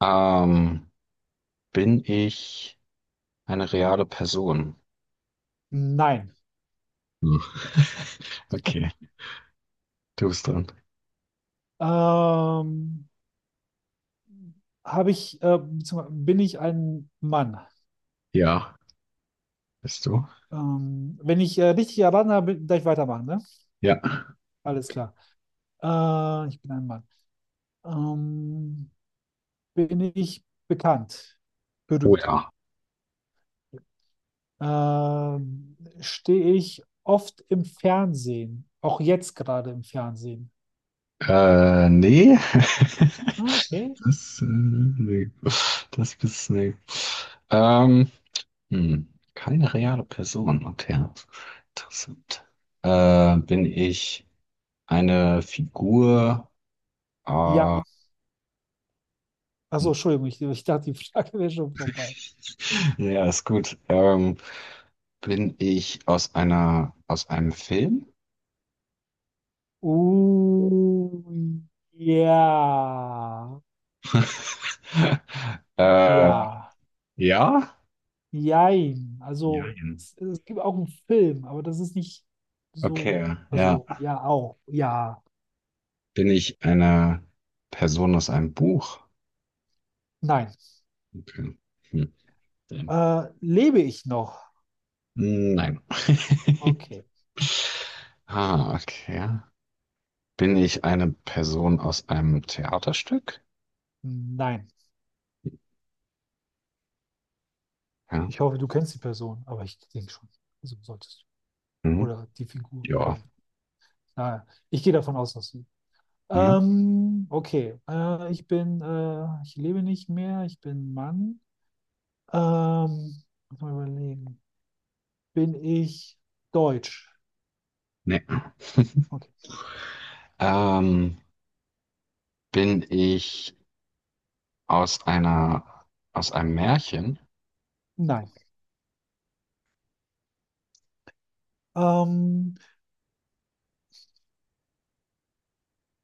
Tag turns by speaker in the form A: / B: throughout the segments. A: Ähm, Bin ich eine reale Person?
B: Nein.
A: Hm. Okay, du bist dran.
B: Ähm, habe ich, beziehungsweise bin ich ein Mann?
A: Ja, bist du?
B: Wenn ich richtig erraten habe, darf ich weitermachen, ne?
A: Ja.
B: Alles klar. Ich bin ein Mann. Ähm, bin ich bekannt?
A: Oh
B: Berühmt?
A: ja.
B: Stehe ich oft im Fernsehen? Auch jetzt gerade im Fernsehen?
A: Nee.
B: Okay.
A: Das, nee. Das bist nee. Ähm, hm. Keine reale Person. Okay. Interessant. Bin ich eine Figur
B: Ja.
A: äh,
B: Achso, Entschuldigung, ich dachte, die Frage wäre schon vorbei.
A: ja, ist gut. Bin ich aus einer, aus einem Film?
B: Uh, ja.
A: Äh,
B: Ja,
A: ja?
B: jein.
A: Ja.
B: Also es gibt auch einen Film, aber das ist nicht so,
A: Okay, ja.
B: also ja, auch, ja,
A: Bin ich eine Person aus einem Buch?
B: nein.
A: Okay. Hm. Dann-
B: Lebe ich noch?
A: nein.
B: Okay,
A: Ah, okay. Bin ich eine Person aus einem Theaterstück?
B: nein.
A: Ja.
B: Ich hoffe, du kennst die Person, aber ich denke schon, also solltest du.
A: Mhm.
B: Oder die Figur,
A: Ja.
B: oder, naja, ich gehe davon aus, dass du.
A: Mhm.
B: Okay, ich bin, ich lebe nicht mehr, ich bin Mann. Ähm, muss mal überlegen. Bin ich deutsch?
A: Nee.
B: Okay,
A: Ähm, bin ich aus einer, aus einem Märchen.
B: nein. Ähm,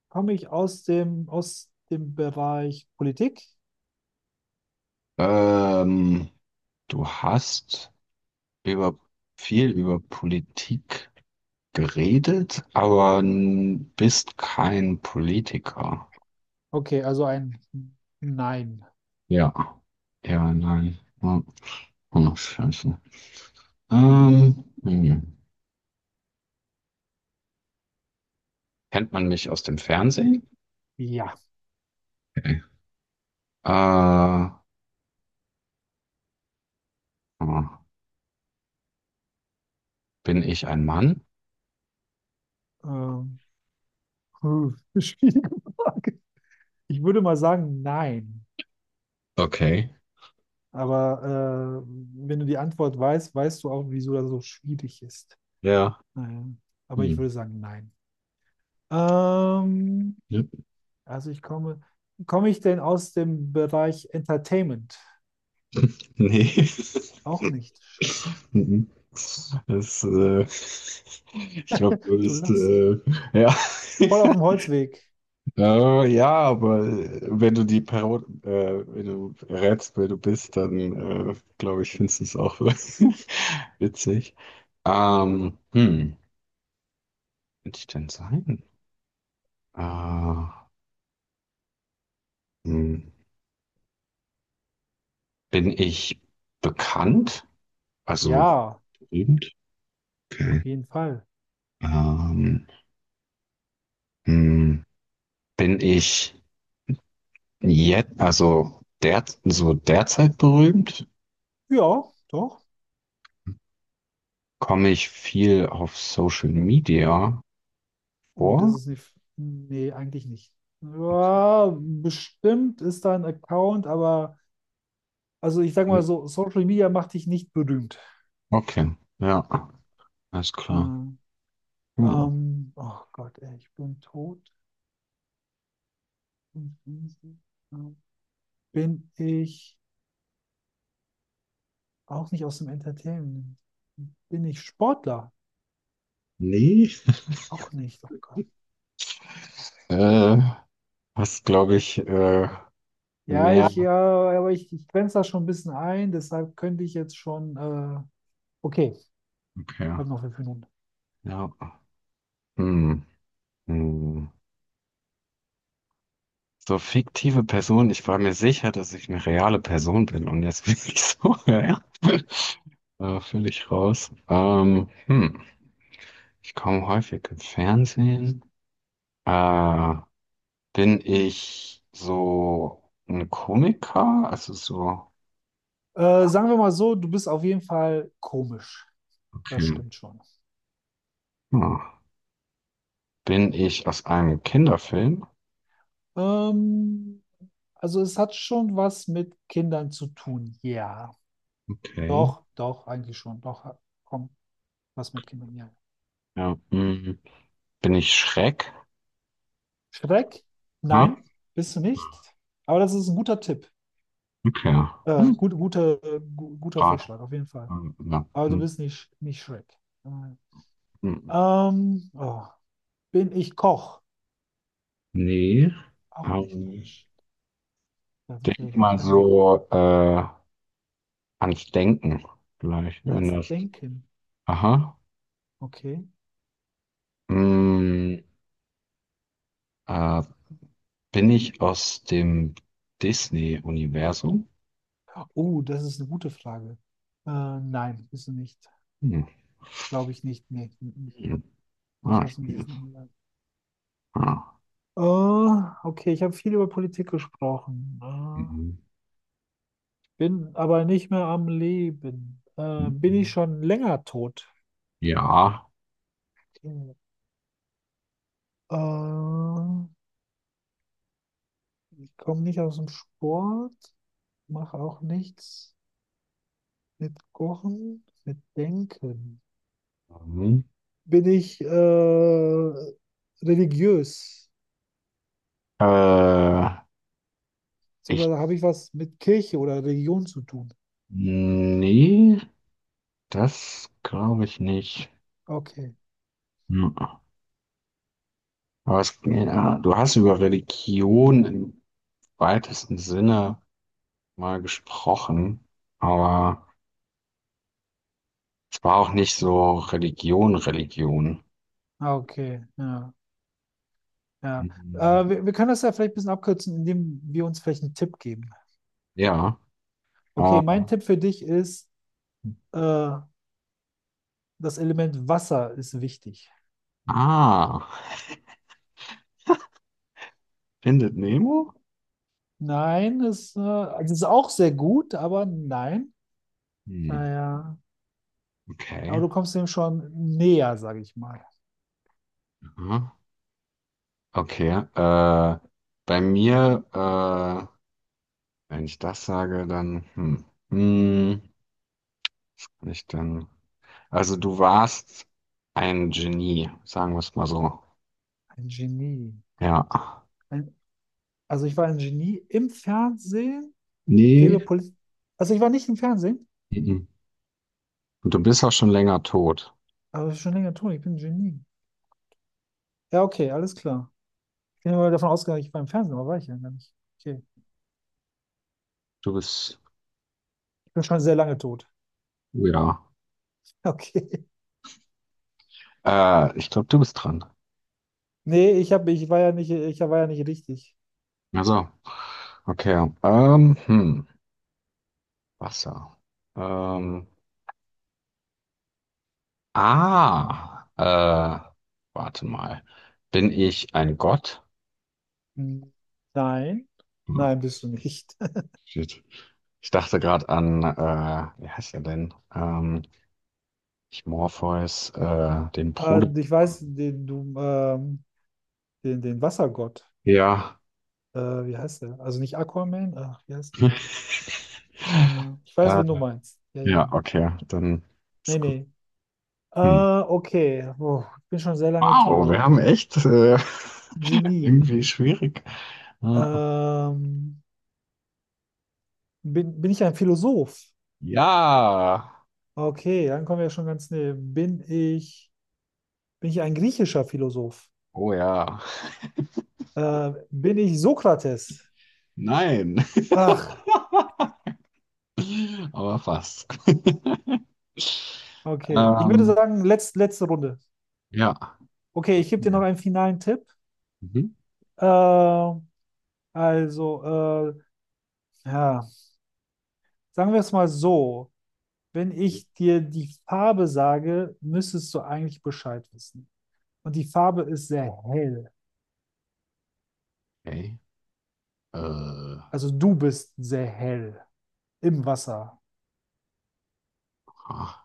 B: komme ich aus dem Bereich Politik?
A: Ähm, du hast über viel über Politik geredet, aber n- bist kein Politiker.
B: Okay, also ein Nein.
A: Ja, ja, nein. Oh, oh, scheiße. Hm. Kennt man mich aus dem Fernsehen?
B: Ja.
A: Okay. Äh, oh, bin ich ein Mann?
B: Ähm, puh, schwierige Frage. Ich würde mal sagen, nein.
A: Okay.
B: Aber wenn du die Antwort weißt, weißt du auch, wieso das so schwierig ist.
A: Ja.
B: Naja. Aber ich
A: Hm.
B: würde sagen, nein. Ähm,
A: Ja.
B: also ich komme, komme ich denn aus dem Bereich Entertainment?
A: Nee.
B: Auch nicht. Shit.
A: Mhm. Das, ich glaube, du
B: Du
A: bist,
B: lachst.
A: ja.
B: Voll auf dem Holzweg.
A: Ja, aber wenn du die Parod wenn du rätst, wer du bist, dann glaube ich, findest du es auch witzig. Hm, könnte ich denn sein? Äh, hm, bin ich bekannt? Also
B: Ja.
A: berühmt? Okay.
B: Auf jeden Fall.
A: Ähm, hm, bin ich jetzt, also der, so derzeit berühmt,
B: Ja, doch.
A: komme ich viel auf Social Media
B: Oh, das
A: vor.
B: ist nicht. Nee, eigentlich nicht. Ja, bestimmt ist da ein Account, aber also ich sag mal
A: Hm,
B: so, Social Media macht dich nicht berühmt.
A: okay, ja, alles klar.
B: Ähm,
A: Hm.
B: oh Gott, ey, ich bin tot. Bin ich auch nicht aus dem Entertainment? Bin ich Sportler?
A: Nee,
B: Auch nicht, oh Gott.
A: äh, hast, glaube ich,
B: Ja, ich,
A: mehr.
B: ja, aber ich grenze da schon ein bisschen ein, deshalb könnte ich jetzt schon, okay,
A: Okay,
B: habe noch 5 Minuten.
A: ja. Hm. Hm. So fiktive Person, ich war mir sicher, dass ich eine reale Person bin und jetzt bin ich so, ja, ja, völlig raus. Hm. Ich komme häufig im Fernsehen. Äh, Bin ich so ein Komiker? Also so,
B: Sagen wir mal so, du bist auf jeden Fall komisch. Das
A: okay.
B: stimmt schon.
A: Hm. Bin ich aus einem Kinderfilm?
B: Ähm, also es hat schon was mit Kindern zu tun. Ja,
A: Okay.
B: doch, doch, eigentlich schon. Doch, komm, was mit Kindern. Ja.
A: Ja, hm. Bin ich Schreck?
B: Schreck?
A: Ja,
B: Nein, bist du nicht. Aber das ist ein guter Tipp.
A: okay. Hm.
B: Gut, guter, guter
A: Gerade.
B: Vorschlag, auf jeden Fall.
A: Ja.
B: Aber du
A: Hm.
B: bist nicht, nicht Schreck. Nein.
A: Hm.
B: Oh, bin ich Koch?
A: Nee.
B: Auch nicht.
A: Ähm,
B: Shit, also
A: denk
B: vielleicht im
A: mal so
B: Fernsehen gucken.
A: ans Denken vielleicht, wenn
B: Ans
A: das.
B: Denken.
A: Aha.
B: Okay.
A: Hm. Äh, Bin ich aus dem Disney-Universum?
B: Oh, das ist eine gute Frage. Äh, nein, bist du nicht.
A: Hm.
B: Glaube ich nicht. Nee, mm, mm.
A: Hm.
B: Nicht
A: Ah,
B: aus dem Disneyland.
A: ja.
B: Oh, okay, ich habe viel über Politik gesprochen. Ah,
A: Mhm.
B: bin aber nicht mehr am Leben. Bin ich
A: Mhm.
B: schon länger tot?
A: Ja.
B: Okay. Äh, ich komme nicht aus dem Sport, mache auch nichts mit Kochen, mit Denken.
A: Mhm.
B: Bin ich religiös?
A: Äh, Ich,
B: Beziehungsweise habe ich was mit Kirche oder Religion zu tun?
A: nee, das glaube ich nicht.
B: Okay.
A: Mhm. Aber es, ja, du hast über Religion im weitesten Sinne mal gesprochen, aber es war auch nicht so Religion, Religion.
B: Ah, okay, ja, ja.
A: Mhm.
B: Wir können das ja vielleicht ein bisschen abkürzen, indem wir uns vielleicht einen Tipp geben.
A: Ja.
B: Okay,
A: Äh,
B: mein Tipp für dich ist, äh, das Element Wasser ist wichtig.
A: ah, findet Nemo?
B: Nein, ist, also es ist auch sehr gut, aber nein.
A: Hm,
B: Naja, aber
A: okay.
B: du kommst dem schon näher, sage ich mal.
A: Aha. Okay, äh, bei mir, wenn ich das sage, dann, hm, hm, nicht dann. Also du warst ein Genie, sagen wir es mal so.
B: Ein Genie.
A: Ja.
B: Ein, also ich war ein Genie im Fernsehen, der
A: Nee.
B: über Politik. Also ich war nicht im Fernsehen,
A: Mhm. Und du bist auch schon länger tot.
B: aber das ist schon länger tun. Ich bin ein Genie. Ja, okay, alles klar. Ich bin immer davon ausgegangen, ich war im Fernsehen, aber war ich ja gar nicht. Okay.
A: Du bist,
B: Ich bin schon sehr lange tot.
A: oh ja.
B: Okay.
A: Ich glaube, du bist dran.
B: Nee, ich hab, ich war ja nicht, ich war ja nicht richtig.
A: Also, okay. Hm, Wasser. Ähm, ah, warte mal. Bin ich ein Gott?
B: Hm. Nein.
A: Hm.
B: Nein, bist du nicht.
A: Shit. Ich dachte gerade an, wie heißt er denn? Nicht Morpheus, den
B: Ah,
A: Bruder.
B: ich weiß, den, du, den, den Wassergott.
A: Ja.
B: Äh, wie heißt der? Also nicht Aquaman? Ach, wie heißt der denn? Ich weiß,
A: Äh,
B: wen du meinst. Ja, ja.
A: ja, okay, dann
B: Nee,
A: ist gut.
B: nee.
A: Hm.
B: Okay. Oh, ich bin schon sehr lange
A: Wow, wir
B: tot.
A: haben echt
B: Genie.
A: irgendwie schwierig. Äh,
B: Ähm, bin ich ein Philosoph?
A: Ja.
B: Okay, dann kommen wir ja schon ganz näher. Bin ich ein griechischer Philosoph?
A: Oh ja.
B: Bin ich Sokrates?
A: Nein,
B: Ach,
A: aber fast.
B: okay. Ich würde
A: Ähm,
B: sagen, letzte Runde.
A: ja.
B: Okay, ich gebe dir
A: Okay.
B: noch einen finalen Tipp.
A: Mhm.
B: Äh, also, ja, sagen wir es mal so. Wenn ich dir die Farbe sage, müsstest du eigentlich Bescheid wissen. Und die Farbe ist sehr hell.
A: Okay. Äh,
B: Also du bist sehr hell im Wasser.
A: ah,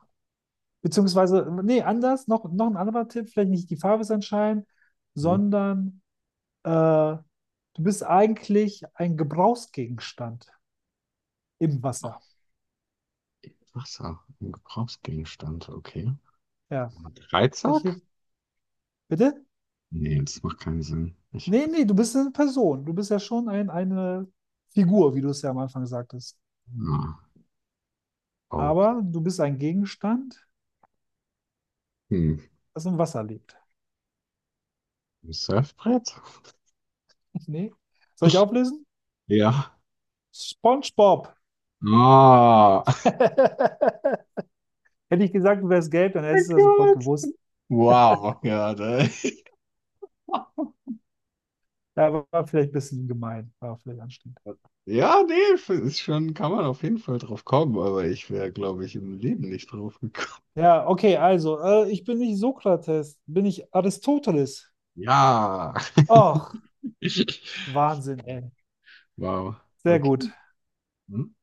B: Beziehungsweise, nee, anders, noch, noch ein anderer Tipp, vielleicht nicht die Farbe ist entscheidend,
A: hm.
B: sondern du bist eigentlich ein Gebrauchsgegenstand im Wasser.
A: Wasser, ein Gebrauchsgegenstand, okay.
B: Ja, vielleicht
A: Dreizack?
B: hilft. Bitte?
A: Nee, das macht keinen Sinn. Ich
B: Nee, nee, du bist eine Person. Du bist ja schon ein, eine Figur, wie du es ja am Anfang sagtest.
A: ah, oh.
B: Aber du bist ein Gegenstand,
A: Hm.
B: das im Wasser lebt.
A: Ein Surfbrett?
B: Nee. Soll ich auflösen?
A: Ja.
B: SpongeBob.
A: Ah, oh
B: Hätte ich gesagt, du wärst gelb, dann
A: mein
B: hättest du das sofort
A: Gott.
B: gewusst.
A: Wow, ja, da,
B: Ja, war vielleicht ein bisschen gemein, war vielleicht anstrengend.
A: ja, nee, f- ist schon, kann man auf jeden Fall drauf kommen, aber ich wäre, glaube ich, im Leben nicht drauf gekommen.
B: Ja, okay, also, ich bin nicht Sokrates, bin ich Aristoteles.
A: Ja.
B: Ach, Wahnsinn, ey.
A: Wow.
B: Sehr
A: Okay.
B: gut.
A: Hm.